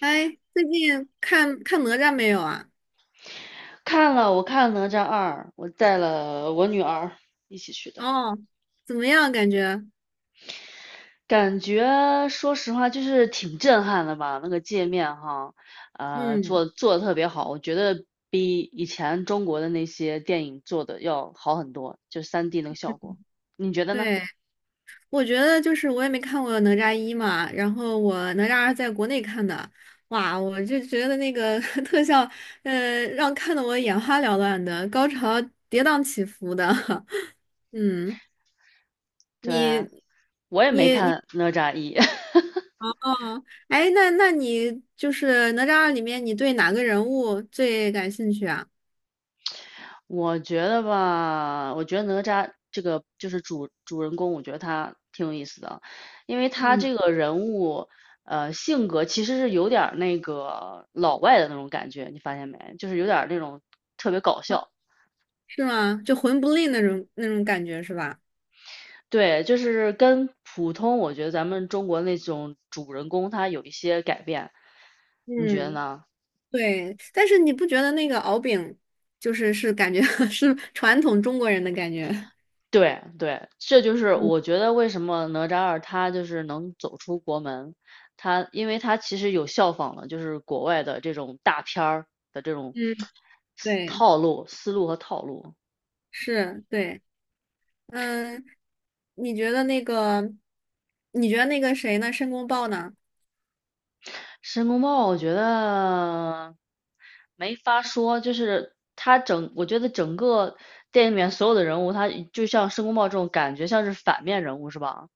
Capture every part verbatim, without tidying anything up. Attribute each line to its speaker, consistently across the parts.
Speaker 1: 哎，最近看看哪吒没有啊？
Speaker 2: 看了，我看了《哪吒二》，我带了我女儿一起去的。
Speaker 1: 哦，怎么样？感觉？
Speaker 2: 感觉说实话就是挺震撼的吧，那个界面哈，呃，
Speaker 1: 嗯，
Speaker 2: 做做的特别好，我觉得比以前中国的那些电影做的要好很多，就三 d 那个效果，你觉得呢？
Speaker 1: 对，我觉得就是我也没看过哪吒一嘛，然后我哪吒二在国内看的。哇，我就觉得那个 特效，呃，让看的我眼花缭乱的，高潮跌宕起伏的。嗯，
Speaker 2: 对
Speaker 1: 你
Speaker 2: 啊，我也没
Speaker 1: 你你
Speaker 2: 看《哪吒一》。
Speaker 1: 哦，哎，那那你就是哪吒二里面，你对哪个人物最感兴趣啊？
Speaker 2: 我觉得吧，我觉得哪吒这个就是主主人公，我觉得他挺有意思的。因为他
Speaker 1: 嗯。
Speaker 2: 这个人物，呃，性格其实是有点儿那个老外的那种感觉，你发现没？就是有点儿那种特别搞笑。
Speaker 1: 是吗？就魂不吝那种那种感觉是吧？
Speaker 2: 对，就是跟普通我觉得咱们中国那种主人公他有一些改变，你觉得
Speaker 1: 嗯，
Speaker 2: 呢？
Speaker 1: 对，但是你不觉得那个敖丙，就是是感觉 是传统中国人的感觉？
Speaker 2: 对对，这就是
Speaker 1: 嗯
Speaker 2: 我觉得为什么哪吒二他就是能走出国门。他因为他其实有效仿了就是国外的这种大片儿的这种
Speaker 1: 嗯，对，
Speaker 2: 套路、思路和套路。
Speaker 1: 是，对。嗯，你觉得那个，你觉得那个谁呢？申公豹呢？
Speaker 2: 申公豹我觉得没法说，就是他整，我觉得整个电影里面所有的人物，他就像申公豹这种感觉像是反面人物是吧？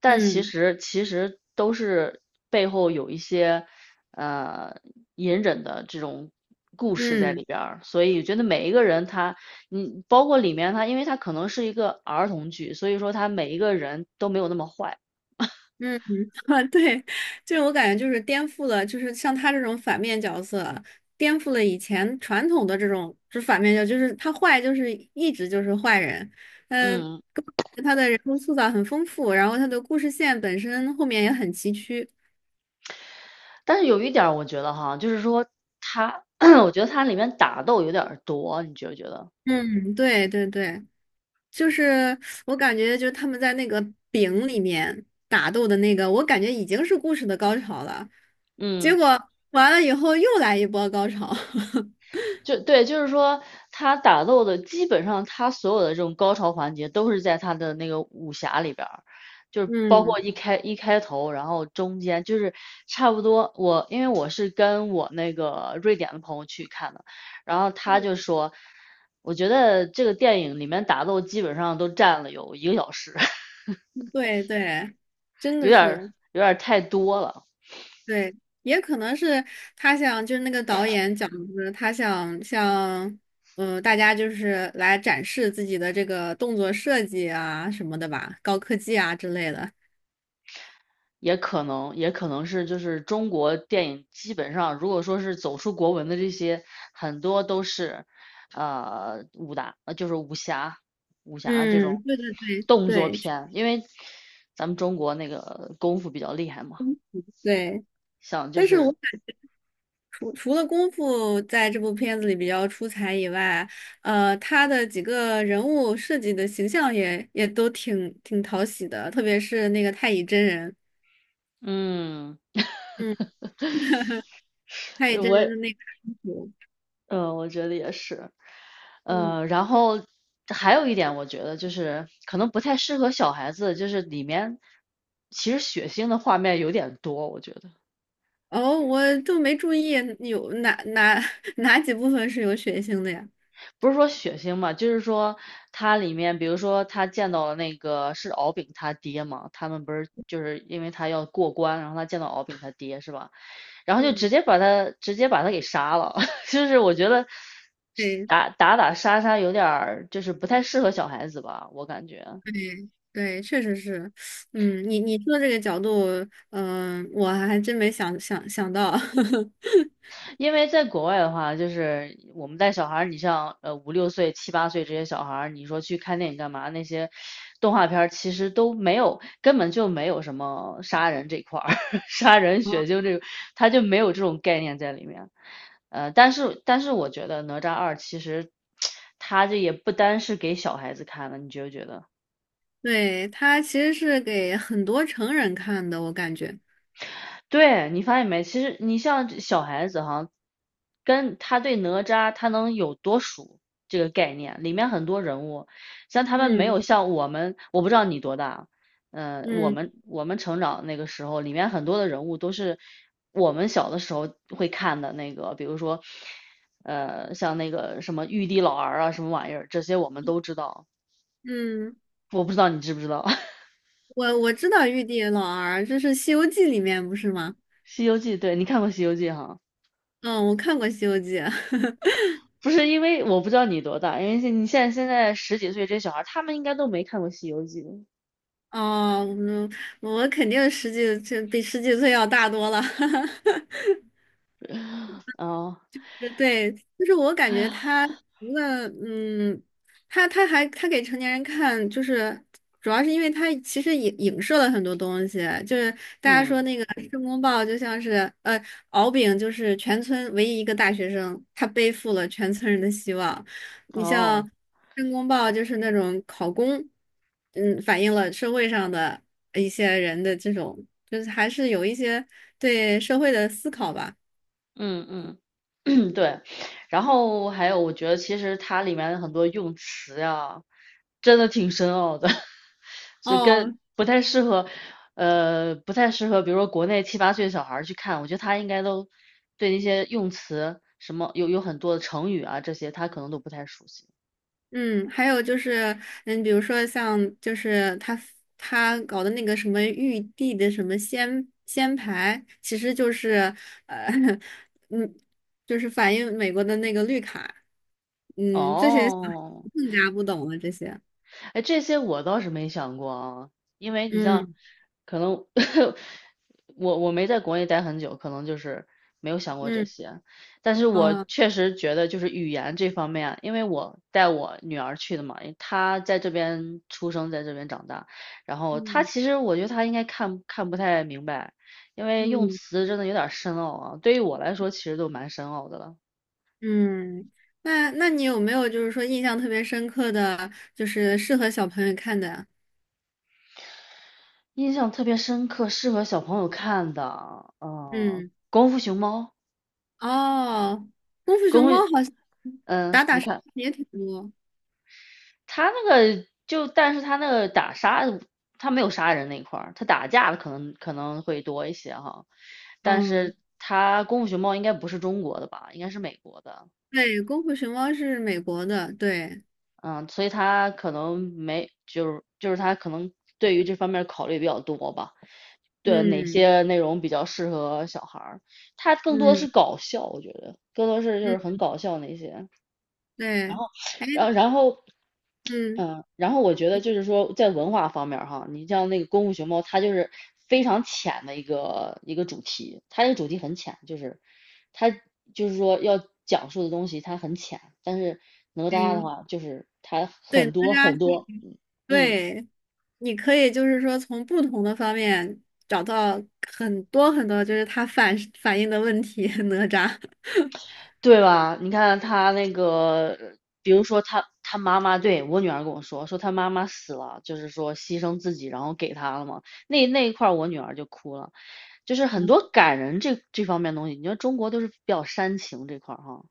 Speaker 2: 但其
Speaker 1: 嗯
Speaker 2: 实其实都是背后有一些呃隐忍的这种故事在
Speaker 1: 嗯。
Speaker 2: 里边儿，所以我觉得每一个人他，你包括里面他，因为他可能是一个儿童剧，所以说他每一个人都没有那么坏。
Speaker 1: 嗯，啊对，就是我感觉就是颠覆了，就是像他这种反面角色，颠覆了以前传统的这种就是反面角色就是他坏就是一直就是坏人。呃，
Speaker 2: 嗯。
Speaker 1: 他的人物塑造很丰富，然后他的故事线本身后面也很崎岖。
Speaker 2: 但是有一点儿我觉得哈，就是说它，我觉得它里面打斗有点儿多，你觉不觉得？
Speaker 1: 嗯，对对对，就是我感觉就是他们在那个饼里面打斗的那个，我感觉已经是故事的高潮了，结
Speaker 2: 嗯，
Speaker 1: 果完了以后又来一波高潮。
Speaker 2: 就对，就是说他打斗的基本上他所有的这种高潮环节都是在他的那个武侠里边儿，就是包
Speaker 1: 嗯。
Speaker 2: 括一开一开头，然后中间就是差不多。我因为我是跟我那个瑞典的朋友去看的，然后他就说，我觉得这个电影里面打斗基本上都占了有一个小时，
Speaker 1: 对对，真
Speaker 2: 有
Speaker 1: 的
Speaker 2: 点儿
Speaker 1: 是
Speaker 2: 有点儿太多了。
Speaker 1: 对。也可能是他想，就是那个导演讲的，他想向嗯大家就是来展示自己的这个动作设计啊什么的吧，高科技啊之类的。
Speaker 2: 也可能，也可能是就是中国电影基本上，如果说是走出国门的这些，很多都是呃武打，呃就是武侠、武侠这种
Speaker 1: 嗯，对对对
Speaker 2: 动作
Speaker 1: 对
Speaker 2: 片，因为咱们中国那个功夫比较厉害嘛。
Speaker 1: 对。
Speaker 2: 像就
Speaker 1: 但是
Speaker 2: 是
Speaker 1: 我感除除了功夫在这部片子里比较出彩以外，呃，他的几个人物设计的形象也也都挺挺讨喜的，特别是那个太乙真人。
Speaker 2: 嗯，
Speaker 1: 嗯。太乙真人
Speaker 2: 我
Speaker 1: 的那个安抚。
Speaker 2: 嗯，我觉得也是。
Speaker 1: 嗯，
Speaker 2: 呃，然后还有一点，我觉得就是可能不太适合小孩子，就是里面其实血腥的画面有点多，我觉得
Speaker 1: 哦，我都没注意有哪哪 哪几部分是有血腥的呀？
Speaker 2: 不是说血腥嘛，就是说它里面，比如说他见到了那个是敖丙他爹嘛，他们不是就是因为他要过关，然后他见到敖丙他爹是吧？然后就直
Speaker 1: 嗯，
Speaker 2: 接把他直接把他给杀了，就是我觉得
Speaker 1: 对
Speaker 2: 打打打杀杀有点儿就是不太适合小孩子吧，我感觉。
Speaker 1: 对对，确实是。嗯，你你说这个角度，嗯、我还真没想想想到，
Speaker 2: 因为在国外的话，就是我们带小孩儿，你像呃五六岁、七八岁这些小孩儿，你说去看电影干嘛？那些动画片儿其实都没有，根本就没有什么杀人这块儿，杀人血腥这个，他就没有这种概念在里面。呃，但是但是我觉得哪吒二其实 它这也不单是给小孩子看的，你觉不觉得？
Speaker 1: 对，它其实是给很多成人看的，我感觉。
Speaker 2: 对，你发现没？其实你像这小孩子哈，跟他对哪吒他能有多熟这个概念，里面很多人物，像他们没
Speaker 1: 嗯
Speaker 2: 有像我们，我不知道你多大。嗯，我
Speaker 1: 嗯
Speaker 2: 们我们成长那个时候，里面很多的人物都是我们小的时候会看的那个，比如说，呃，像那个什么玉帝老儿啊，什么玩意儿，这些我们都知道，
Speaker 1: 嗯，
Speaker 2: 我不知道你知不知道
Speaker 1: 我我知道玉帝老儿，这是《西游记》里面不是吗？
Speaker 2: 《西游记》？对，你看过《西游记》哈？
Speaker 1: 嗯，我看过《西游记》
Speaker 2: 不是因为我不知道你多大，因为现你现在现在十几岁这些小孩他们应该都没看过《西游记》。
Speaker 1: 哦，嗯，我肯定十几，岁比十几岁要大多了。
Speaker 2: 哦，
Speaker 1: 对，就是我感觉他除了嗯，他他还他给成年人看，就是主要是因为他其实影影射了很多东西，就是大家
Speaker 2: 嗯，
Speaker 1: 说那个申公豹就像是呃敖丙就是全村唯一一个大学生，他背负了全村人的希望。你像
Speaker 2: 哦，
Speaker 1: 申公豹就是那种考公，嗯，反映了社会上的一些人的这种，就是还是有一些对社会的思考吧。
Speaker 2: 嗯嗯。对，然后还有，我觉得其实它里面的很多用词呀，真的挺深奥的，所以跟
Speaker 1: 哦，
Speaker 2: 不太适合，呃，不太适合，比如说国内七八岁小孩儿去看，我觉得他应该都对那些用词什么有有很多的成语啊这些，他可能都不太熟悉。
Speaker 1: 嗯，还有就是，嗯，比如说像就是他他搞的那个什么玉帝的什么仙仙牌，其实就是呃，嗯，就是反映美国的那个绿卡。嗯，这些小孩
Speaker 2: 哦，
Speaker 1: 更加不懂了这些。
Speaker 2: 哎，这些我倒是没想过啊。因为你像，
Speaker 1: 嗯
Speaker 2: 可能 我我没在国内待很久，可能就是没有想过这
Speaker 1: 嗯
Speaker 2: 些。但是我
Speaker 1: 啊
Speaker 2: 确实觉得就是语言这方面啊，因为我带我女儿去的嘛，因为她在这边出生，在这边长大，然后她
Speaker 1: 嗯
Speaker 2: 其实我觉得她应该看看不太明白，因为用
Speaker 1: 嗯
Speaker 2: 词真的有点深奥啊，对于我来说其实都蛮深奥的了。
Speaker 1: 嗯，那那你有没有就是说印象特别深刻的，就是适合小朋友看的呀？
Speaker 2: 印象特别深刻，适合小朋友看的，嗯，
Speaker 1: 嗯。
Speaker 2: 《功夫熊猫》。
Speaker 1: 哦，功夫
Speaker 2: 公，
Speaker 1: 熊
Speaker 2: 会，
Speaker 1: 猫好像
Speaker 2: 嗯，
Speaker 1: 打打
Speaker 2: 你
Speaker 1: 杀杀
Speaker 2: 看
Speaker 1: 也挺多。
Speaker 2: 他那个就，但是他那个打杀，他没有杀人那一块儿，他打架的可能可能会多一些哈，但
Speaker 1: 嗯，
Speaker 2: 是他功夫熊猫应该不是中国的吧，应该是美国的。
Speaker 1: 对，功夫熊猫是美国的，对，
Speaker 2: 嗯，所以他可能没，就是就是他可能对于这方面考虑比较多吧，对哪
Speaker 1: 嗯
Speaker 2: 些内容比较适合小孩儿，他更多
Speaker 1: 嗯
Speaker 2: 是搞笑，我觉得更多是就
Speaker 1: 嗯，
Speaker 2: 是很搞笑那些。然
Speaker 1: 对，
Speaker 2: 后，
Speaker 1: 哎，
Speaker 2: 然后，然后，
Speaker 1: 嗯
Speaker 2: 嗯，然后我觉得就是说，在文化方面儿哈，你像那个《功夫熊猫》，它就是非常浅的一个一个主题，它这个主题很浅，就是它就是说要讲述的东西它很浅，但是哪吒的
Speaker 1: 嗯，
Speaker 2: 话就是它
Speaker 1: 对，
Speaker 2: 很多
Speaker 1: 哪
Speaker 2: 很
Speaker 1: 吒，
Speaker 2: 多。嗯。
Speaker 1: 对，你可以就是说从不同的方面找到很多很多，就是它反反映的问题，哪吒，
Speaker 2: 对吧？你看他那个，比如说他他妈妈，对，我女儿跟我说，说他妈妈死了，就是说牺牲自己，然后给他了嘛。那那一块儿我女儿就哭了，就是很多 感人这这方面的东西。你说中国都是比较煽情这块儿哈。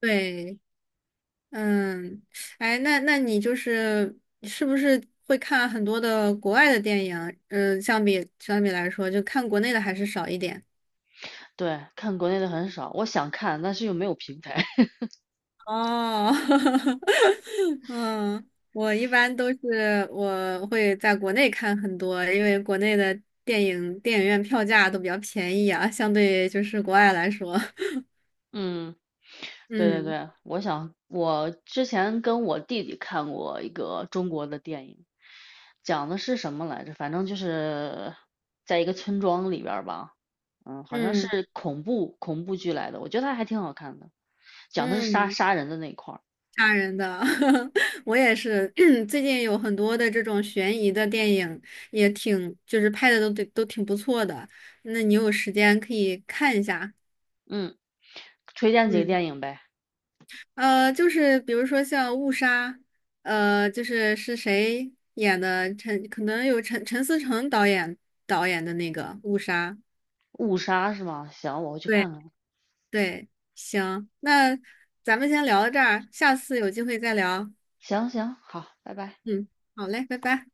Speaker 1: 对。嗯，哎，那那你就是是不是会看很多的国外的电影？嗯，相比相比来说，就看国内的还是少一点。
Speaker 2: 对，看国内的很少，我想看，但是又没有平台。
Speaker 1: 哦，嗯，我一般都是我会在国内看很多，因为国内的电影电影院票价都比较便宜啊，相对就是国外来说。
Speaker 2: 嗯，对对
Speaker 1: 嗯
Speaker 2: 对，我想我之前跟我弟弟看过一个中国的电影，讲的是什么来着？反正就是在一个村庄里边儿吧，嗯，好像
Speaker 1: 嗯
Speaker 2: 是恐怖恐怖剧来的，我觉得它还挺好看的，讲的是杀
Speaker 1: 嗯。
Speaker 2: 杀人的那一块儿。
Speaker 1: 吓人的，我也是。最近有很多的这种悬疑的电影，也挺就是拍的都对都挺不错的。那你有时间可以看一下。
Speaker 2: 嗯，推荐几个
Speaker 1: 嗯，
Speaker 2: 电影呗，
Speaker 1: 呃，就是比如说像《误杀》，呃，就是是谁演的？陈可能有陈陈思诚导演导演的那个《误杀》。
Speaker 2: 《误杀》是吗？行，我回去
Speaker 1: 对
Speaker 2: 看看。
Speaker 1: 对，行，那咱们先聊到这儿，下次有机会再聊。
Speaker 2: 行行，好，拜拜。
Speaker 1: 嗯，好嘞，拜拜。